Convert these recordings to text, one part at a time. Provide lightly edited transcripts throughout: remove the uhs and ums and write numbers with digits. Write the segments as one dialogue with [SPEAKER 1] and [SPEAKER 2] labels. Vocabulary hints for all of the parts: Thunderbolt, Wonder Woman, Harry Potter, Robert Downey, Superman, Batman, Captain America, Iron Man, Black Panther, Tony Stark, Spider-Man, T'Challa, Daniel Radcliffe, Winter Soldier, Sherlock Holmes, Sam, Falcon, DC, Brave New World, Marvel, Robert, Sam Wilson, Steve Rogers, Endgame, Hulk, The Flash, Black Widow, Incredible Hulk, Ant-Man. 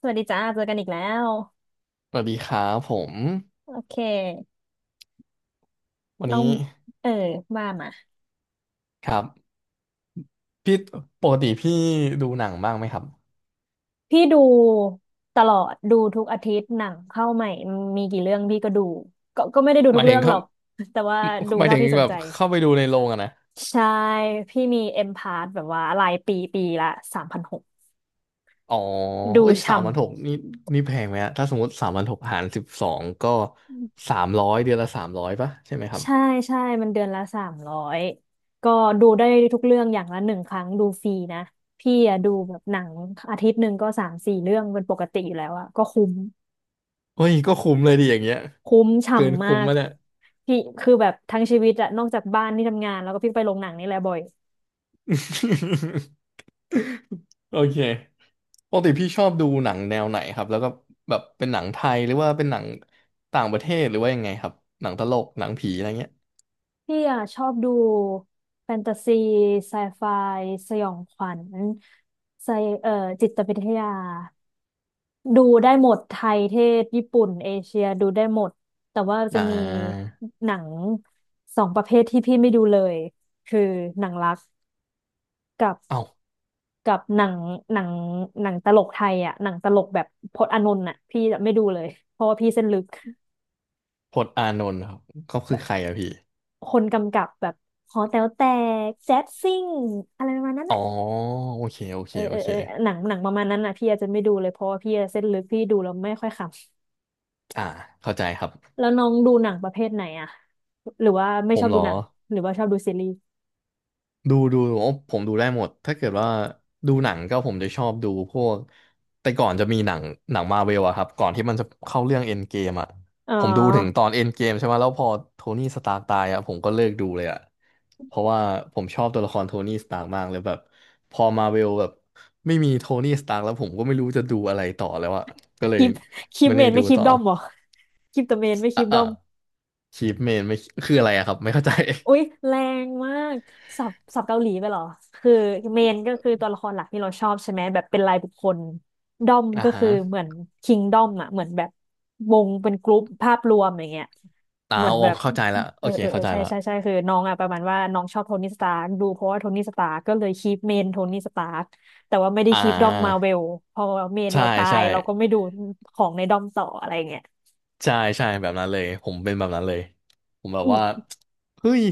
[SPEAKER 1] สวัสดีจ้าเจอกันอีกแล้ว
[SPEAKER 2] สวัสดีครับผม
[SPEAKER 1] โอเค
[SPEAKER 2] วัน
[SPEAKER 1] น้อง
[SPEAKER 2] นี้
[SPEAKER 1] เออว่ามา
[SPEAKER 2] ครับพี่ปกติพี่ดูหนังบ้างไหมครับ
[SPEAKER 1] พี่ดูตลอดดูทุกอาทิตย์หนังเข้าใหม่มีกี่เรื่องพี่ก็ดูก็ไม่ได้ดู
[SPEAKER 2] ห
[SPEAKER 1] ทุ
[SPEAKER 2] มา
[SPEAKER 1] ก
[SPEAKER 2] ยถึ
[SPEAKER 1] เรื่อ
[SPEAKER 2] ง
[SPEAKER 1] งหร
[SPEAKER 2] เข้า
[SPEAKER 1] อก แต่ว่าดู
[SPEAKER 2] หมาย
[SPEAKER 1] เท่า
[SPEAKER 2] ถึง
[SPEAKER 1] ที่ส
[SPEAKER 2] แบ
[SPEAKER 1] น
[SPEAKER 2] บ
[SPEAKER 1] ใจ
[SPEAKER 2] เข้าไปดูในโรงอะนะ
[SPEAKER 1] ใช่พี่มีเอ็มพาร์แบบว่ารายปีปีละ3,600
[SPEAKER 2] อ๋อ
[SPEAKER 1] ดู
[SPEAKER 2] เอ้ยสาม
[SPEAKER 1] ช่ำ
[SPEAKER 2] พันหกนี่นี่แพงไหมฮะถ้าสมมติสามพันหกหารสิบสองก็สามร้อยเดือนละสามร้อยป่ะใช่ไหมครับ
[SPEAKER 1] ใช่ใช่มันเดือนละ300ก็ดูได้ทุกเรื่องอย่างละหนึ่งครั้งดูฟรีนะพี่อะดูแบบหนังอาทิตย์หนึ่งก็สามสี่เรื่องเป็นปกติอยู่แล้วอะก็คุ้ม
[SPEAKER 2] เฮ้ยก็คุ้มเลยดิอย่างเงี้ย
[SPEAKER 1] คุ้ม
[SPEAKER 2] เกิน
[SPEAKER 1] ฉ่ำมา
[SPEAKER 2] คุ้ม
[SPEAKER 1] ก
[SPEAKER 2] มาเนี่ย
[SPEAKER 1] พี่คือแบบทั้งชีวิตอะนอกจากบ้านที่ทำงานแล้วก็พี่ไปโรงหนังนี่แหละบ่อย
[SPEAKER 2] โอเคปกติพี่ชอบดูหนังแนวไหนครับ แล้วก็แบบเป็นหนังไทยหรือว่าเป็นหนังต่างประเทศหรือว่ายังไงครับ หนังตลกหนังผีอะไรเงี้ย
[SPEAKER 1] พี่อะชอบดูแฟนตาซีไซไฟสยองขวัญไซเอ่อจิตวิทยาดูได้หมดไทยเทศญี่ปุ่นเอเชียดูได้หมดแต่ว่าจะ
[SPEAKER 2] อ่
[SPEAKER 1] มี
[SPEAKER 2] า
[SPEAKER 1] หนังสองประเภทที่พี่ไม่ดูเลยคือหนังรักกับ
[SPEAKER 2] เอ้า
[SPEAKER 1] กับหนังหนังตลกไทยอ่ะหนังตลกแบบพจน์อานนท์อ่ะพี่จะไม่ดูเลยเพราะว่าพี่เส้นลึก
[SPEAKER 2] พจน์อานนท์ครับเขาคือ
[SPEAKER 1] แบบ
[SPEAKER 2] ใครอะพี่
[SPEAKER 1] คนกำกับแบบหอแต๋วแตกแจ๊สซิ่งอะไรประมาณนั้น
[SPEAKER 2] อ๋อ
[SPEAKER 1] อ่ะ
[SPEAKER 2] โอเคโอเค
[SPEAKER 1] เออ
[SPEAKER 2] โอ
[SPEAKER 1] เออ
[SPEAKER 2] เค
[SPEAKER 1] เออหนังหนังประมาณนั้นอ่ะพี่อาจจะไม่ดูเลยเพราะว่าพี่เส้นลึกพี่ดูแล้วไม่ค่อยข
[SPEAKER 2] อ่าเข้าใจครับ
[SPEAKER 1] ำแล้วน้องดูหนังประเภทไหนอ่ะหรือว่าไม่
[SPEAKER 2] ผ
[SPEAKER 1] ชอ
[SPEAKER 2] ม
[SPEAKER 1] บ
[SPEAKER 2] เหร
[SPEAKER 1] ดู
[SPEAKER 2] อ
[SPEAKER 1] หนังหรือว่าชอบดูซีรีส์
[SPEAKER 2] ดูโอ้ผมดูได้หมดถ้าเกิดว่าดูหนังก็ผมจะชอบดูพวกแต่ก่อนจะมีหนังมาเวลอะครับก่อนที่มันจะเข้าเรื่องเอ็นเกมอะ
[SPEAKER 1] อ๋อ
[SPEAKER 2] ผมดูถึงตอนเอ็นเกมใช่ไหมแล้วพอโทนี่สตาร์กตายอะผมก็เลิกดูเลยอะเพราะว่าผมชอบตัวละครโทนี่สตาร์กมากเลยแบบพอมาเวลแบบไม่มีโทนี่สตาร์กแล้วผมก็ไม่รู้จะดูอะไรต่อแล้วอะก็เล
[SPEAKER 1] ค
[SPEAKER 2] ย
[SPEAKER 1] ลิปคลิป
[SPEAKER 2] ไม่
[SPEAKER 1] เม
[SPEAKER 2] ได้
[SPEAKER 1] น
[SPEAKER 2] ดู
[SPEAKER 1] ไม่คลิป
[SPEAKER 2] ต่อ
[SPEAKER 1] ด้อมเหรอคลิปตัวเมนไม่คลิ
[SPEAKER 2] อ่ะ
[SPEAKER 1] ป
[SPEAKER 2] อ่ะ
[SPEAKER 1] ด้อม
[SPEAKER 2] ชีฟเมนไม่คืออะไรอะครับไม่เข้าใจ
[SPEAKER 1] อุ๊ยแรงมากสับเกาหลีไปเหรอคือเมนก็คือตัวละครหลักที่เราชอบใช่ไหมแบบเป็นรายบุคคลดอม
[SPEAKER 2] อ่า
[SPEAKER 1] ก็
[SPEAKER 2] ฮะ
[SPEAKER 1] คือเหมือนคิงดอมอ่ะเหมือนแบบวงเป็นกรุ๊ปภาพรวมอย่างเงี้ย
[SPEAKER 2] อ่า
[SPEAKER 1] เหมือ
[SPEAKER 2] โอ
[SPEAKER 1] นแบบ
[SPEAKER 2] เข้าใจละ
[SPEAKER 1] เอ
[SPEAKER 2] โอ
[SPEAKER 1] อ
[SPEAKER 2] เค
[SPEAKER 1] เออเอ
[SPEAKER 2] เข้า
[SPEAKER 1] อ
[SPEAKER 2] ใจ
[SPEAKER 1] ใช่
[SPEAKER 2] ละ
[SPEAKER 1] ใช่ใช่คือน้องอ่ะประมาณว่าน้องชอบโทนี่สตาร์กดูเพราะว่าโทนี่สตาร์กก็เลยคีปเมนโทนี่สตาร์กแต่ว่าไม่ได้
[SPEAKER 2] อ่
[SPEAKER 1] คีปดอมมาเว
[SPEAKER 2] า
[SPEAKER 1] ลพอเมน
[SPEAKER 2] ใช่
[SPEAKER 1] เราตาย
[SPEAKER 2] ใช่
[SPEAKER 1] เราก็ไม่ดูของในดอมต่ออะไรเงี้ย
[SPEAKER 2] ใช่ใช่แบบนั้นเลยผมเป็นแบบนั้นเลยผมแบ
[SPEAKER 1] อื
[SPEAKER 2] บว่า
[SPEAKER 1] ม
[SPEAKER 2] เฮ้ย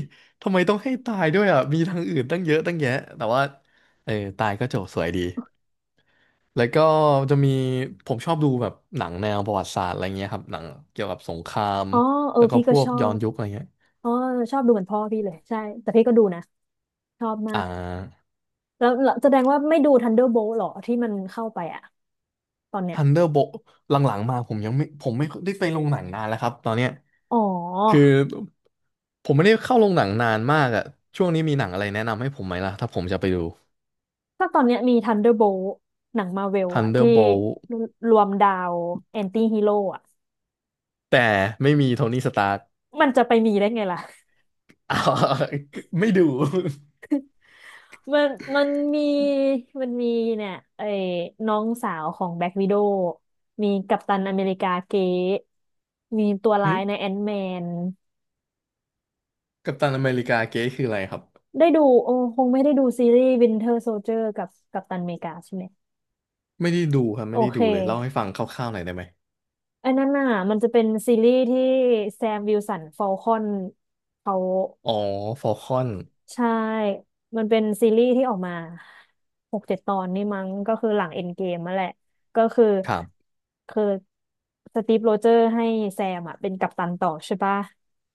[SPEAKER 2] ทำไมต้องให้ตายด้วยอ่ะมีทางอื่นตั้งเยอะตั้งแยะแต่ว่าเออตายก็จบสวยดีแล้วก็จะมีผมชอบดูแบบหนังแนวประวัติศาสตร์อะไรเงี้ยครับหนังเกี่ยวกับสงคราม
[SPEAKER 1] อ๋อเออ
[SPEAKER 2] แล้วก็
[SPEAKER 1] พี่
[SPEAKER 2] พ
[SPEAKER 1] ก็
[SPEAKER 2] ว
[SPEAKER 1] ช
[SPEAKER 2] ก
[SPEAKER 1] อ
[SPEAKER 2] ย้อน
[SPEAKER 1] บ
[SPEAKER 2] ยุคอะไรเงี้ย
[SPEAKER 1] อ๋อชอบดูเหมือนพ่อพี่เลยใช่แต่พี่ก็ดูนะชอบมา
[SPEAKER 2] อ่
[SPEAKER 1] ก
[SPEAKER 2] า
[SPEAKER 1] แล้วแสดงว่าไม่ดู Thunderbolt หรอที่มันเข้าไปอะตอนเนี้ย
[SPEAKER 2] Thunderbolt หลังๆมาผมไม่ได้ไปลงหนังนานแล้วครับตอนเนี้ย
[SPEAKER 1] อ๋อ
[SPEAKER 2] คือผมไม่ได้เข้าโรงหนังนานมากอะช่วงนี้มีหนังอะไรแนะนำให้ผมไหมล่ะถ้าผมจะไปดู
[SPEAKER 1] กาตอนเนี้ยมี Thunderbolt หนังมาเวล
[SPEAKER 2] ทัน
[SPEAKER 1] อะ
[SPEAKER 2] เดอ
[SPEAKER 1] ที่
[SPEAKER 2] ร์โบลต์
[SPEAKER 1] รวมดาวแอนตี้ฮีโร่อะ
[SPEAKER 2] แต่ไม่มีโทนี่สตาร์ก
[SPEAKER 1] มันจะไปมีได้ไงล่ะ
[SPEAKER 2] อ้าว ไม่ดู
[SPEAKER 1] มันมันมีมันมีเนี่ยไอ้น้องสาวของแบล็ k ว i ด o w มีกัปตันอเมริกาเก๊มีตัว
[SPEAKER 2] หึ
[SPEAKER 1] ร้ายในแอน t m แมน
[SPEAKER 2] กัปตันอเมริกาเก๊คืออะไรครับ
[SPEAKER 1] ได้ดูโอ้คงไม่ได้ดูซีรีส์ Winter Soldier กับกัปตันอเมริกาใช่ไหม
[SPEAKER 2] ไม่ได้ดูครับ
[SPEAKER 1] โอ
[SPEAKER 2] ไม่ได้
[SPEAKER 1] เค
[SPEAKER 2] ดูเลยเล่าให้ฟังคร่าวๆหน่อยได้ไหม
[SPEAKER 1] อันนั้นน่ะมันจะเป็นซีรีส์ที่แซมวิลสันฟอลคอนเขา
[SPEAKER 2] อ๋อฟอลคอน
[SPEAKER 1] ใช่ มันเป็นซีรีส์ที่ออกมาหกเจ็ดตอนนี่มั้งก็คือหลังเอ็นเกมมาแหละก็คือ
[SPEAKER 2] ครับ
[SPEAKER 1] คือสตีฟโรเจอร์ให้แซมอ่ะเป็นกัปตันต่อใช่ปะ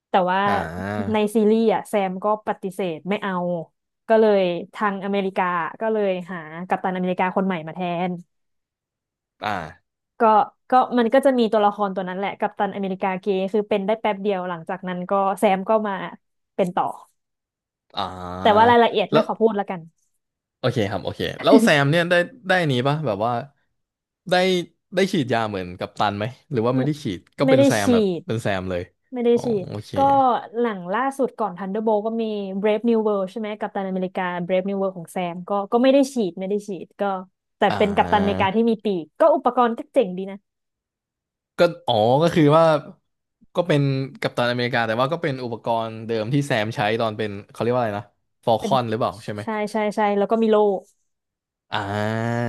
[SPEAKER 1] แต่ว่า
[SPEAKER 2] อ่
[SPEAKER 1] ใน
[SPEAKER 2] า
[SPEAKER 1] ซีรีส์อ่ะแซมก็ปฏิเสธไม่เอาก็เลยทางอเมริกาก็เลยหากัปตันอเมริกาคนใหม่มาแทน
[SPEAKER 2] อ่า
[SPEAKER 1] ก็มันก็จะมีตัวละครตัวนั้นแหละกัปตันอเมริกาเกย์คือเป็นได้แป๊บเดียวหลังจากนั้นก็แซมก็มาเป็นต่อ
[SPEAKER 2] อ่
[SPEAKER 1] แต่ว่า
[SPEAKER 2] า
[SPEAKER 1] รายละเอียดไม่
[SPEAKER 2] แล้ว
[SPEAKER 1] ขอพูดและกัน
[SPEAKER 2] โอเคครับโอเคแล้วแซมเนี่ยได้ได้นี้ปะแบบว่าได้ได้ฉีดยาเหมือนกัปตันไหมหรือว่า
[SPEAKER 1] อื
[SPEAKER 2] ไม่
[SPEAKER 1] ม
[SPEAKER 2] ได้ฉีดก็
[SPEAKER 1] ไม่
[SPEAKER 2] เป็น
[SPEAKER 1] ได้
[SPEAKER 2] แซม
[SPEAKER 1] ฉี
[SPEAKER 2] แบบ
[SPEAKER 1] ด
[SPEAKER 2] เป็นแซมเลย
[SPEAKER 1] ไม่ได้
[SPEAKER 2] อ๋อ
[SPEAKER 1] ฉีด
[SPEAKER 2] โอเค
[SPEAKER 1] ก็หนังล่าสุดก่อน Thunderbolt ก็มี Brave New World ใช่ไหมกัปตันอเมริกา Brave New World ของแซมก็ไม่ได้ฉีดไม่ได้ฉีดก็แต่
[SPEAKER 2] อ่
[SPEAKER 1] เป็นกัปตันอเมริกาที่
[SPEAKER 2] า
[SPEAKER 1] มีปีกก็อุปกรณ์ก็เจ๋งดีนะ
[SPEAKER 2] ก็อ๋อก็คือว่าก็เป็นกัปตันอเมริกาแต่ว่าก็เป็นอุปกรณ์เดิมที่แซมใช้ตอนเป็นเขาเรียกว่าอะไรนะฟอล
[SPEAKER 1] เป็
[SPEAKER 2] ค
[SPEAKER 1] น
[SPEAKER 2] อนหรือเปล่าใช่ไหม
[SPEAKER 1] ใช่ใช่ใช่แล้วก็มีโล่
[SPEAKER 2] อ่า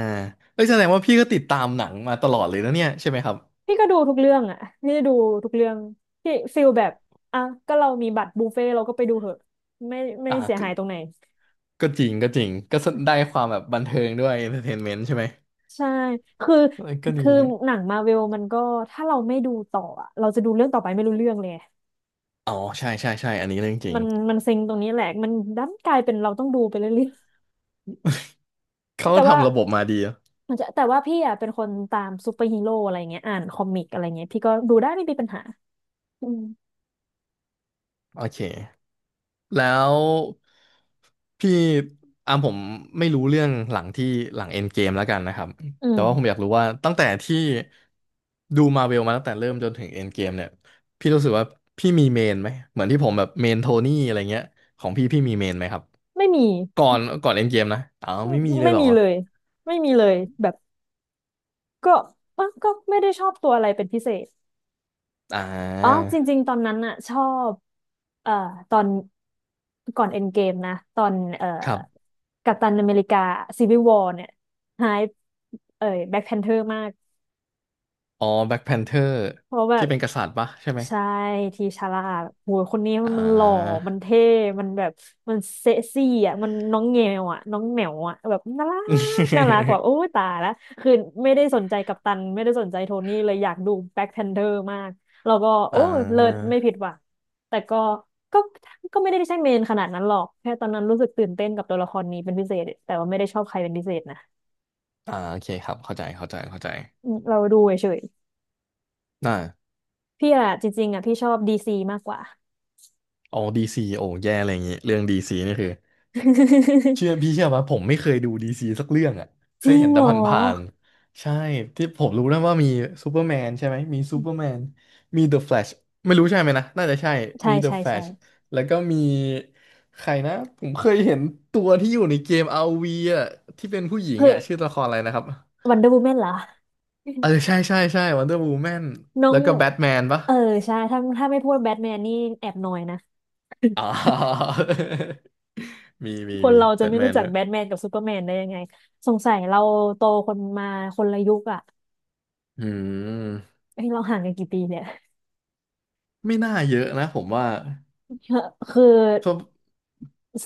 [SPEAKER 2] เอ้ยแสดงว่าพี่ก็ติดตามหนังมาตลอดเลยนะเนี่ยใช่ไหมครับ
[SPEAKER 1] พี่ก็ดูทุกเรื่องอ่ะพี่ดูทุกเรื่องพี่ฟิลแบบอ่ะก็เรามีบัตรบุฟเฟ่ต์เราก็ไปดูเหอะไม่ไม่
[SPEAKER 2] อ่า
[SPEAKER 1] เสีย
[SPEAKER 2] ก็
[SPEAKER 1] หายตรงไหน
[SPEAKER 2] จริงก็ได้ความแบบบันเทิงด้วย entertainment ใช่ไหม
[SPEAKER 1] ใช่คือ
[SPEAKER 2] เอ้ยก็ดี
[SPEAKER 1] คือ
[SPEAKER 2] เนี่ย
[SPEAKER 1] หนังมาเวลมันก็ถ้าเราไม่ดูต่ออะเราจะดูเรื่องต่อไปไม่รู้เรื่องเลย
[SPEAKER 2] อ๋อใช่ใช่ใช่อันนี้เรื่องจริ
[SPEAKER 1] มั
[SPEAKER 2] ง
[SPEAKER 1] นมันซิงตรงนี้แหละมันดันกลายเป็นเราต้องดูไปเรื่อยๆ
[SPEAKER 2] เขา
[SPEAKER 1] แต่
[SPEAKER 2] ก็
[SPEAKER 1] ว่า
[SPEAKER 2] ทำระบบมาดีอะ
[SPEAKER 1] มันจะแต่ว่าพี่อ่ะเป็นคนตามซูเปอร์ฮีโร่อะไรเงี้ยอ่านคอมิกอะไรเงี้ยพี่ก็ดูได้ไม่มีปัญหาอืม
[SPEAKER 2] โอเค แล้วพี่อ่ะผมไม่รู้เรื่องหลังเอ็นเกมแล้วกันนะครับ
[SPEAKER 1] อื
[SPEAKER 2] แต่ว่าผมอ
[SPEAKER 1] ม
[SPEAKER 2] ยากรู้ว่าตั้งแต่ที่ดูมาเวลมาตั้งแต่เริ่มจนถึงเอ็นเกมเนี่ยพี่รู้สึกว่าพี่มีเมนไหมเหมือนที่ผมแบบเมนโทนี่อะไรเงี้ยของพี่พี่มีเมนไหมครับ
[SPEAKER 1] ไม่มี
[SPEAKER 2] ก่อนเอ็นเกมนะอ้าว
[SPEAKER 1] ไม่
[SPEAKER 2] ไม่มีเล
[SPEAKER 1] ไม่
[SPEAKER 2] ยเหรอ
[SPEAKER 1] มีเลยไม่มีเลยแบบก็อ่ะก็ไม่ได้ชอบตัวอะไรเป็นพิเศษ
[SPEAKER 2] อ่า
[SPEAKER 1] อ๋อจริงๆตอนนั้นอะชอบเอ่อตอนก่อนเอ็นเกมนะตอน
[SPEAKER 2] ครับ
[SPEAKER 1] กัปตันอเมริกาซีวิ l วอร์เนี่ยหายเอ่ยแบ็คแพนเทอร์มาก
[SPEAKER 2] อ๋อแบ็คแพนเทอร์
[SPEAKER 1] เพราะแบ
[SPEAKER 2] ที่
[SPEAKER 1] บ
[SPEAKER 2] เป็นกษัตริย์ปะใช่ไหม
[SPEAKER 1] ใช่ทีชาลาดโหยคนนี้
[SPEAKER 2] อ่า
[SPEAKER 1] มันหล่อมันเท่มันแบบมันเซ็กซี่อ่ะมันน้องแงวอ่ะน้องแหมวอ่ะแบบน่ารักน่ารักแบบ โอ้ยตายละคือไม่ได้สนใจกัปตันไม่ได้สนใจโทนี่เลยอยากดูแบ็คแพนเ h อร์มากแล้วก็โอ้
[SPEAKER 2] อ่
[SPEAKER 1] ยเลิศ
[SPEAKER 2] า
[SPEAKER 1] ไม่ผิดหวังแต่ก็ก็ไม่ได้ใช่เมนขนาดนั้นหรอกแค่ตอนนั้นรู้สึกตื่นเต้นกับตัวละครนี้เป็นพิเศษแต่ว่าไม่ได้ชอบใครเป็นพิเศษนะ
[SPEAKER 2] อ่าโอเคครับเข้าใจเข้าใจเข้าใจ
[SPEAKER 1] อืมเราดูเฉย
[SPEAKER 2] น่า
[SPEAKER 1] ๆพี่อะจริงๆอะพี่ชอบดีซีมากกว่า
[SPEAKER 2] อ๋อดีซีโอ้แย่อะไรอย่างงี้เรื่องดีซีนี่คือ เชื่อพี่เชื่อว่าผมไม่เคยดูดีซีสักเรื่องอ่ะเค
[SPEAKER 1] จ
[SPEAKER 2] ย
[SPEAKER 1] ริง
[SPEAKER 2] เห็นแต่
[SPEAKER 1] เหรอ
[SPEAKER 2] ผ่านๆใช่ที่ผมรู้นะว่ามีซูเปอร์แมนใช่ไหมมีซูเปอร์แมนมีเดอะแฟลชไม่รู้ใช่ไหมนะน่าจะใช่
[SPEAKER 1] ใช่
[SPEAKER 2] มีเดอะ
[SPEAKER 1] ใช่
[SPEAKER 2] แฟล
[SPEAKER 1] ใช่
[SPEAKER 2] ชแล้วก็มีใครนะผมเคยเห็นตัวที่อยู่ในเกม RV อ่ะที่เป็นผู้หญิง
[SPEAKER 1] เฮ้ย
[SPEAKER 2] อ่ะชื่อตัวละครอะไรนะครับ
[SPEAKER 1] วันเดอร์วูแมนเหรอ
[SPEAKER 2] เออใช่ใช่ใช่วันเดอร์วูแมน
[SPEAKER 1] น้อ
[SPEAKER 2] แล้
[SPEAKER 1] ง
[SPEAKER 2] วก็แบทแมนปะ
[SPEAKER 1] เออใช่ถ้าไม่พูดแบทแมนนี่แอบหน่อยนะ
[SPEAKER 2] อ๋อ มีมี
[SPEAKER 1] คน
[SPEAKER 2] มี
[SPEAKER 1] เรา
[SPEAKER 2] แบ
[SPEAKER 1] จะ
[SPEAKER 2] ท
[SPEAKER 1] ไม่
[SPEAKER 2] แม
[SPEAKER 1] รู้
[SPEAKER 2] น
[SPEAKER 1] จัก
[SPEAKER 2] แล้ว
[SPEAKER 1] แบทแมนกับซูเปอร์แมนได้ยังไงสงสัยเราโตคนมาคนละยุคอ่ะ
[SPEAKER 2] อืม
[SPEAKER 1] เฮ้ยเราห่างกันกี่ปีเนี่ย
[SPEAKER 2] ไม่น่าเยอะนะผมว่า
[SPEAKER 1] คือ
[SPEAKER 2] ก็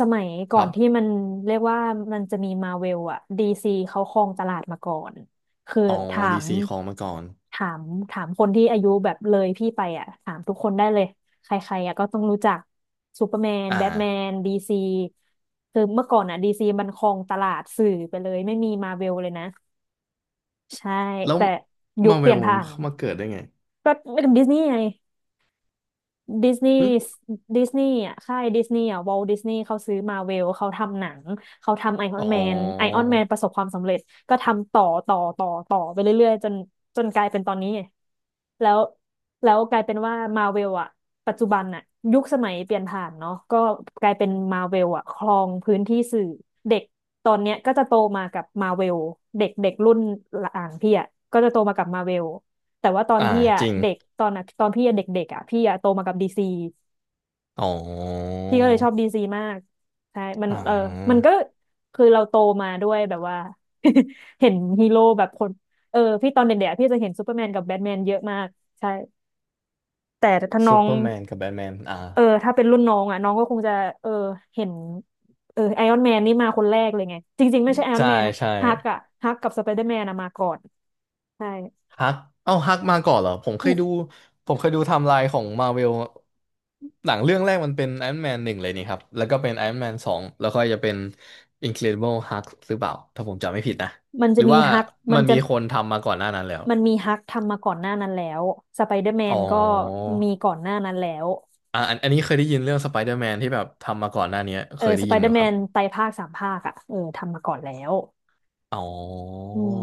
[SPEAKER 1] สมัยก่
[SPEAKER 2] ค
[SPEAKER 1] อ
[SPEAKER 2] รั
[SPEAKER 1] นที่
[SPEAKER 2] บ
[SPEAKER 1] มันเรียกว่ามันจะมีมาเวลอะดีซีเขาครองตลาดมาก่อนคือ
[SPEAKER 2] อ๋อ
[SPEAKER 1] ถา
[SPEAKER 2] ดี
[SPEAKER 1] ม
[SPEAKER 2] ซีครองมาก่อน
[SPEAKER 1] ถามคนที่อายุแบบเลยพี่ไปอะถามทุกคนได้เลยใครๆอะก็ต้องรู้จักซูเปอร์แมน
[SPEAKER 2] อ่า
[SPEAKER 1] แบทแมนดีซีคือเมื่อก่อนอะดีซีมันครองตลาดสื่อไปเลยไม่มีมาเวลเลยนะใช่
[SPEAKER 2] แล้ว
[SPEAKER 1] แต่ยุ
[SPEAKER 2] มา
[SPEAKER 1] คเป
[SPEAKER 2] เว
[SPEAKER 1] ลี่ย
[SPEAKER 2] ล
[SPEAKER 1] น
[SPEAKER 2] มัน
[SPEAKER 1] ผ่าน
[SPEAKER 2] มาเกิดได้ไง
[SPEAKER 1] ก็ไม่กังดิสนีย์ไง ดิสนีย์
[SPEAKER 2] หึ
[SPEAKER 1] ดิสนีย์อ่ะค่ายดิสนีย์อ่ะวอลดิสนีย์เขาซื้อมาเวลเขาทำหนังเขาทำไอออ
[SPEAKER 2] อ๋
[SPEAKER 1] น
[SPEAKER 2] อ
[SPEAKER 1] แมนไอออนแมนประสบความสำเร็จก็ทำต่อต่อต่อต่อไปเรื่อยๆจนกลายเป็นตอนนี้ไงแล้วกลายเป็นว่ามาเวลอ่ะปัจจุบันอ่ะยุคสมัยเปลี่ยนผ่านเนาะก็กลายเป็นมาเวลอ่ะครองพื้นที่สื่อเด็กตอนเนี้ยก็จะโตมากับมาเวลเด็กเด็กรุ่นหลังพี่อ่ะก็จะโตมากับมาเวล แต่ว่าตอน
[SPEAKER 2] อ่า
[SPEAKER 1] พี่อะ
[SPEAKER 2] จริง
[SPEAKER 1] เด็กตอนอะตอนพี่อะเด็กๆอะพี่อะโตมากับดีซี
[SPEAKER 2] อ๋อ
[SPEAKER 1] พี่ก็เลยชอบดีซีมากใช่มัน
[SPEAKER 2] อ่า
[SPEAKER 1] เออมันก็คือเราโตมาด้วยแบบว่า เห็นฮีโร่แบบคนเออพี่ตอนเด็กๆอะพี่จะเห็นซูเปอร์แมนกับแบทแมนเยอะมากใช่แต่ถ้าน้
[SPEAKER 2] ซู
[SPEAKER 1] อง
[SPEAKER 2] เปอร์แมนกับแบทแมนอ่า
[SPEAKER 1] เออถ้าเป็นรุ่นน้องอะน้องก็คงจะเออเห็นเออไอรอนแมนนี่มาคนแรกเลยไงจริงๆไม่ใช่ไอรอน
[SPEAKER 2] ใช่
[SPEAKER 1] แมนนะ
[SPEAKER 2] ใช่
[SPEAKER 1] ฮักอะฮักกับสไปเดอร์แมนอะมาก่อนใช่
[SPEAKER 2] ฮักเอ้าฮักมาก่อนเหรอผมเค
[SPEAKER 1] อื
[SPEAKER 2] ย
[SPEAKER 1] ม
[SPEAKER 2] ดูผมเคยดูไทม์ไลน์ของมาเวลหนังเรื่องแรกมันเป็นไอ o n นแมนหนึ่งเลยนี่ครับแล้วก็เป็นไอ o n นแมนสองแล้วก็จะเป็น Incredible Hulk หรือเปล่าถ้าผมจำไม่ผิดนะ
[SPEAKER 1] มัน
[SPEAKER 2] ห
[SPEAKER 1] จะ
[SPEAKER 2] รือ
[SPEAKER 1] มี
[SPEAKER 2] ว่า
[SPEAKER 1] ฮักมั
[SPEAKER 2] มั
[SPEAKER 1] น
[SPEAKER 2] น
[SPEAKER 1] จะ
[SPEAKER 2] มีคนทำมาก่อนหน้านั้นแล้ว
[SPEAKER 1] มันมีฮักทำมาก่อนหน้านั้นแล้วสไปเดอร์แม
[SPEAKER 2] อ๋
[SPEAKER 1] น
[SPEAKER 2] อ
[SPEAKER 1] ก็มีก่อนหน้านั้นแล้ว
[SPEAKER 2] อ่ะอันนี้เคยได้ยินเรื่องสไปเดอร์แมนที่แบบทำมาก่อนหน้านี้
[SPEAKER 1] เอ
[SPEAKER 2] เค
[SPEAKER 1] อ
[SPEAKER 2] ยได้
[SPEAKER 1] สไป
[SPEAKER 2] ยิน
[SPEAKER 1] เด
[SPEAKER 2] อ
[SPEAKER 1] อ
[SPEAKER 2] ยู่
[SPEAKER 1] ร์แม
[SPEAKER 2] ครับ
[SPEAKER 1] นไตรภาคสามภาคอ่ะเออทำมาก่อนแล้ว
[SPEAKER 2] อ๋อ
[SPEAKER 1] อืม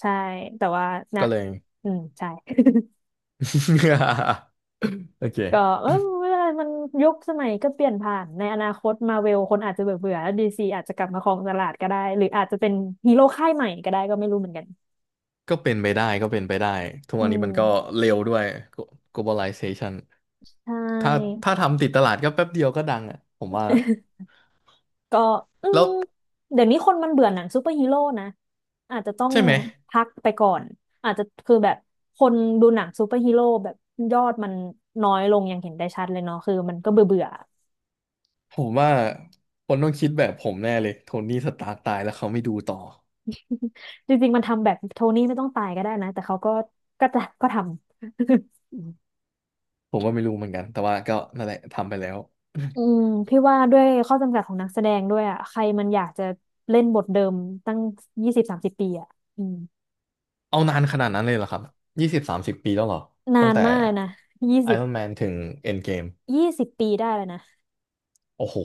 [SPEAKER 1] ใช่แต่ว่านะ
[SPEAKER 2] ก็เลย
[SPEAKER 1] อืมใช่
[SPEAKER 2] โอเค
[SPEAKER 1] ก็เออไม่เป็นไรมันยุคสมัยก็เปลี่ยนผ่านในอนาคตมาเวลคนอาจจะเบื่อเบื่อแล้วดีซีอาจจะกลับมาครองตลาดก็ได้หรืออาจจะเป็นฮีโร่ค่ายใหม่ก็ได้ก็ไม่รู้เหมือนกัน
[SPEAKER 2] ก็เป็นไปได้ก็เป็นไปได้ทุก
[SPEAKER 1] อื
[SPEAKER 2] วันนี้มันก็
[SPEAKER 1] ม
[SPEAKER 2] เร็วด้วย globalization
[SPEAKER 1] ใช
[SPEAKER 2] ถ้า
[SPEAKER 1] ่
[SPEAKER 2] ถ้าทำติดตลาดก็แป๊บเดียวก็ดังอ่ะผมว่า
[SPEAKER 1] ก็อื
[SPEAKER 2] แล้
[SPEAKER 1] ม
[SPEAKER 2] ว
[SPEAKER 1] เดี๋ยวนี้คนมันเบื่อหนังซูเปอร์ฮีโร่นะอาจจะต้อง
[SPEAKER 2] ใช่ไหม
[SPEAKER 1] พักไปก่อนอาจจะคือแบบคนดูหนังซูเปอร์ฮีโร่แบบยอดมันน้อยลงอย่างเห็นได้ชัดเลยเนาะคือมันก็เบื่อเบื่อ
[SPEAKER 2] ผมว่าคนต้องคิดแบบผมแน่เลยโทนี่สตาร์กตายแล้วเขาไม่ดูต่อ
[SPEAKER 1] จริงๆมันทำแบบโทนี่ไม่ต้องตายก็ได้นะแต่เขาก็ก็จะก็ทำ
[SPEAKER 2] ผมว่าไม่รู้เหมือนกันแต่ว่าก็นั่นแหละทำไปแล้ว
[SPEAKER 1] อืมพี่ว่าด้วยข้อจำกัดของนักแสดงด้วยอ่ะใครมันอยากจะเล่นบทเดิมตั้ง20-30 ปีอ่ะอืม
[SPEAKER 2] เอานานขนาดนั้นเลยเหรอครับ20-30 ปีแล้วเหรอ
[SPEAKER 1] นา
[SPEAKER 2] ตั้ง
[SPEAKER 1] น
[SPEAKER 2] แต่
[SPEAKER 1] มากเลยนะยี่สิบ
[SPEAKER 2] Iron Man ถึง Endgame
[SPEAKER 1] ยี่สิบปีได้เลยนะ
[SPEAKER 2] โอ้โห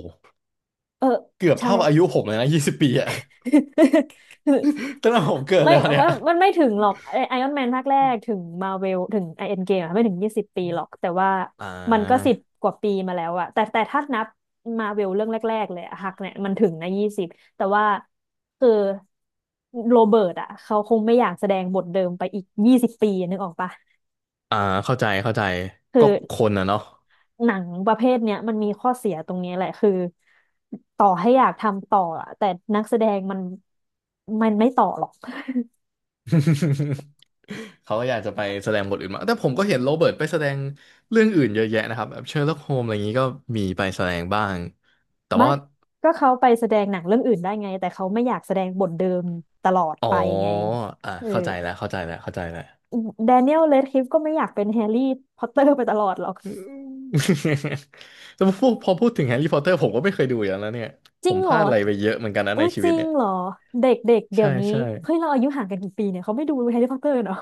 [SPEAKER 1] เออ
[SPEAKER 2] เกือบ
[SPEAKER 1] ใช่
[SPEAKER 2] เท่าอายุผมเลยนะ20 ปีอะ ตั้งแต่ผมเกิด
[SPEAKER 1] ไม่
[SPEAKER 2] แล้วเนี่
[SPEAKER 1] มั
[SPEAKER 2] ย
[SPEAKER 1] นไม่ถึงหรอกไอออนแมนภาคแรกถึงมาเวลถึงไอเอ็นเกมไม่ถึงยี่สิบปีหรอกแต่ว่า
[SPEAKER 2] อ่
[SPEAKER 1] มันก็
[SPEAKER 2] า
[SPEAKER 1] 10 กว่าปีมาแล้วอะแต่ถ้านับมาเวลเรื่องแรกๆเลยอะฮักเนี่ยมันถึงนะยี่สิบแต่ว่าคือโรเบิร์ตอะเขาคงไม่อยากแสดงบทเดิมไปอีกยี่สิบปีนึกออกปะ
[SPEAKER 2] อ่าเข้าใจเข้าใจ
[SPEAKER 1] คือ
[SPEAKER 2] ก็คนอะเนาะ
[SPEAKER 1] หนังประเภทเนี้ยมันมีข้อเสียตรงนี้แหละคือต่อให้อยากทำต่ออะแต่นักแสดงมันไม่ต่อหรอก
[SPEAKER 2] เขาก็อยากจะไปแสดงบทอื่นมางแต่ผมก็เห็นโรเบิร์ตไปแสดงเรื่องอื่นเยอะแยะนะครับแบบเชอร์ล็อกโฮมอะไรอย่างนี้ก็มีไปแสดงบ้าง แต่
[SPEAKER 1] ไม่
[SPEAKER 2] ว่า
[SPEAKER 1] ก็เขาไปแสดงหนังเรื่องอื่นได้ไง แต่เขาไม่อยากแสดงบทเดิมตลอด
[SPEAKER 2] อ๋อ
[SPEAKER 1] ไปไง
[SPEAKER 2] อ่ะ
[SPEAKER 1] เออ
[SPEAKER 2] เข้าใจแล้ว เข้าใจแล้วเข้าใจแล้ว
[SPEAKER 1] แดเนียลเรดคลิฟก็ไม่อยากเป็นแฮร์รี่พอตเตอร์ไปตลอดหรอก
[SPEAKER 2] อืม แต่พอพูดถึงแฮร์รี่พอตเตอร์ผมก็ไม่เคยดูอย่างแล้วเนี่ย
[SPEAKER 1] จ
[SPEAKER 2] ผ
[SPEAKER 1] ริง
[SPEAKER 2] มพ
[SPEAKER 1] เหรอ
[SPEAKER 2] ลาดอะไรไปเยอะเหมือนกันนะ
[SPEAKER 1] โอุ้
[SPEAKER 2] ใน
[SPEAKER 1] ย
[SPEAKER 2] ชี
[SPEAKER 1] จ
[SPEAKER 2] วิต
[SPEAKER 1] ริง
[SPEAKER 2] เนี่ย
[SPEAKER 1] เหรอเด็กๆเดี๋ย
[SPEAKER 2] ใช่
[SPEAKER 1] วนี้
[SPEAKER 2] ใช่
[SPEAKER 1] เฮ้ยเราอายุห่างกันกี่ปีเนี่ยเขาไม่ดูแฮร์รี่พอตเตอร์เนาะ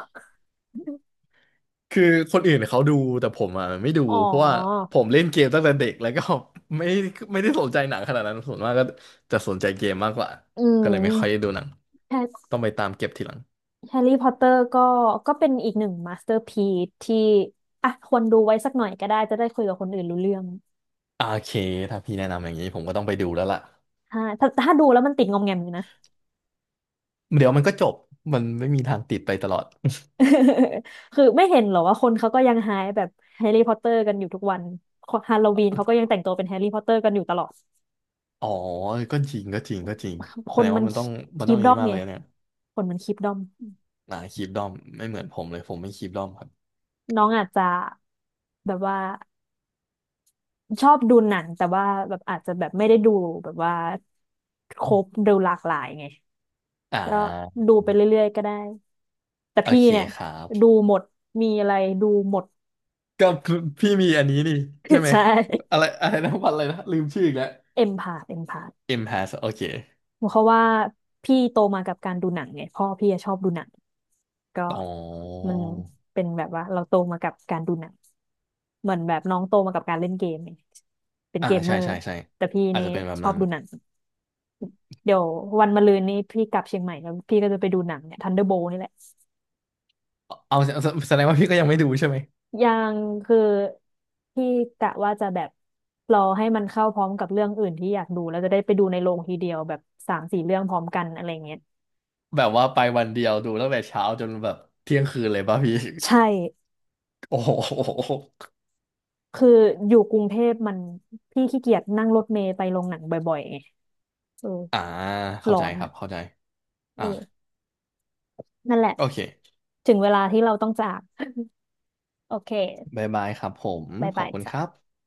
[SPEAKER 2] คือคนอื่นเขาดูแต่ผมอ่ะไม่ดู
[SPEAKER 1] อ๋อ
[SPEAKER 2] เพราะว่าผมเล่นเกมตั้งแต่เด็กแล้วก็ ไม่ไม่ได้สนใจหนังขนาดนั้นส่วนมากก็จะสนใจเกมมากกว่า
[SPEAKER 1] อื
[SPEAKER 2] ก็เลยไม่ค่อยได้
[SPEAKER 1] ม
[SPEAKER 2] ดูหนัง
[SPEAKER 1] แฮร์
[SPEAKER 2] ต้องไปตามเก็บทีหลัง
[SPEAKER 1] แฮร์รี่พอตเตอร์ก็ก็เป็นอีกหนึ่งมาสเตอร์พีซที่อ่ะควรดูไว้สักหน่อยก็ได้จะได้คุยกับคนอื่นรู้เรื่อง
[SPEAKER 2] โอเคถ้าพี่แนะนำอย่างนี้ผมก็ต้องไปดูแล้วล่ะ
[SPEAKER 1] ถ้าดูแล้วมันติดงอมแงมอยู่นะ
[SPEAKER 2] เดี๋ยวมันก็จบมันไม่มีทางติดไปตลอด
[SPEAKER 1] คือไม่เห็นเหรอว่าคนเขาก็ยังไฮป์แบบแฮร์รี่พอตเตอร์กันอยู่ทุกวันฮาโลวีนเขาก็ยังแต่งตัวเป็นแฮร์รี่พอตเตอร์กันอยู่ตลอด
[SPEAKER 2] อ๋อก็จริงก็จริงก็จริง
[SPEAKER 1] ค
[SPEAKER 2] แส
[SPEAKER 1] น
[SPEAKER 2] ดง
[SPEAKER 1] มั
[SPEAKER 2] ว่า
[SPEAKER 1] น
[SPEAKER 2] มันต้องมัน
[SPEAKER 1] คี
[SPEAKER 2] ต้อง
[SPEAKER 1] ป
[SPEAKER 2] อย่า
[SPEAKER 1] ด
[SPEAKER 2] ง
[SPEAKER 1] อ
[SPEAKER 2] นี้
[SPEAKER 1] ม
[SPEAKER 2] มาก
[SPEAKER 1] ไง
[SPEAKER 2] เลยเนี่ย
[SPEAKER 1] คนมันคีปดอม
[SPEAKER 2] คีปดอมไม่เหมือนผมเลยผมไม่คีปดอมครับ
[SPEAKER 1] น้องอาจจะแบบว่าชอบดูหนังแต่ว่าแบบอาจจะแบบไม่ได้ดูแบบว่าครบดูหลากหลายไง
[SPEAKER 2] อ่
[SPEAKER 1] ก็
[SPEAKER 2] า
[SPEAKER 1] ดูไปเรื่อยๆก็ได้แต่
[SPEAKER 2] โอ
[SPEAKER 1] พี่
[SPEAKER 2] เค
[SPEAKER 1] เนี่ย
[SPEAKER 2] ครั
[SPEAKER 1] ดู
[SPEAKER 2] บ
[SPEAKER 1] หมดมีอะไรดูหมด
[SPEAKER 2] กับพี่มีอันนี้นี่ใช่ ไหม
[SPEAKER 1] ใช่
[SPEAKER 2] อะไรอะไรนะวันอะไรนะลืมชื่ออีกแล้ว
[SPEAKER 1] เอ็มพาเอ็มพา
[SPEAKER 2] M has โอเค
[SPEAKER 1] เพราะว่าพี่โตมากับการดูหนังไงพ่อพี่อะชอบดูหนังก็
[SPEAKER 2] อ๋อ
[SPEAKER 1] มันเป็นแบบว่าเราโตมากับการดูหนังเหมือนแบบน้องโตมากับการเล่นเกมไงเป็น
[SPEAKER 2] อ่า
[SPEAKER 1] เกมเม
[SPEAKER 2] ใช่
[SPEAKER 1] อร์
[SPEAKER 2] ใช่ใช่
[SPEAKER 1] แต่พี่
[SPEAKER 2] อาจ
[SPEAKER 1] นี่
[SPEAKER 2] จะเป็นแบบ
[SPEAKER 1] ชอบ
[SPEAKER 2] นั้น
[SPEAKER 1] ดูหนังเดี๋ยววันมะรืนนี้พี่กลับเชียงใหม่แล้วพี่ก็จะไปดูหนังเนี่ยทันเดอร์โบนี่แหละ
[SPEAKER 2] เอาแสแสดงว่าพี่ก็ยังไม่ดูใช่ไหม
[SPEAKER 1] ยังคือพี่กะว่าจะแบบรอให้มันเข้าพร้อมกับเรื่องอื่นที่อยากดูแล้วจะได้ไปดูในโรงทีเดียวแบบ3-4 เรื่องพร้อมกันอะไรเงี้ย
[SPEAKER 2] แบบว่าไปวันเดียวดูตั้งแต่เช้าจนแบบเที่ยงคืนเลยป่ะพี่
[SPEAKER 1] ใช่
[SPEAKER 2] โอ้โห
[SPEAKER 1] คืออยู่กรุงเทพมันพี่ขี้เกียจนั่งรถเมล์ไปโรงหนังบ่อยๆไงเออ
[SPEAKER 2] อ่าเข้า
[SPEAKER 1] ร้อ
[SPEAKER 2] ใจ
[SPEAKER 1] น
[SPEAKER 2] ครั
[SPEAKER 1] อ่ะ
[SPEAKER 2] บเข้าใจ
[SPEAKER 1] เอ
[SPEAKER 2] อ่า
[SPEAKER 1] อนั่นแหละ
[SPEAKER 2] โอเค
[SPEAKER 1] ถึงเวลาที่เราต้องจาก โอเค
[SPEAKER 2] บ๊ายบายครับผม
[SPEAKER 1] บาย
[SPEAKER 2] ขอ
[SPEAKER 1] บา
[SPEAKER 2] บ
[SPEAKER 1] ย
[SPEAKER 2] คุณค
[SPEAKER 1] จ้ะ
[SPEAKER 2] รับ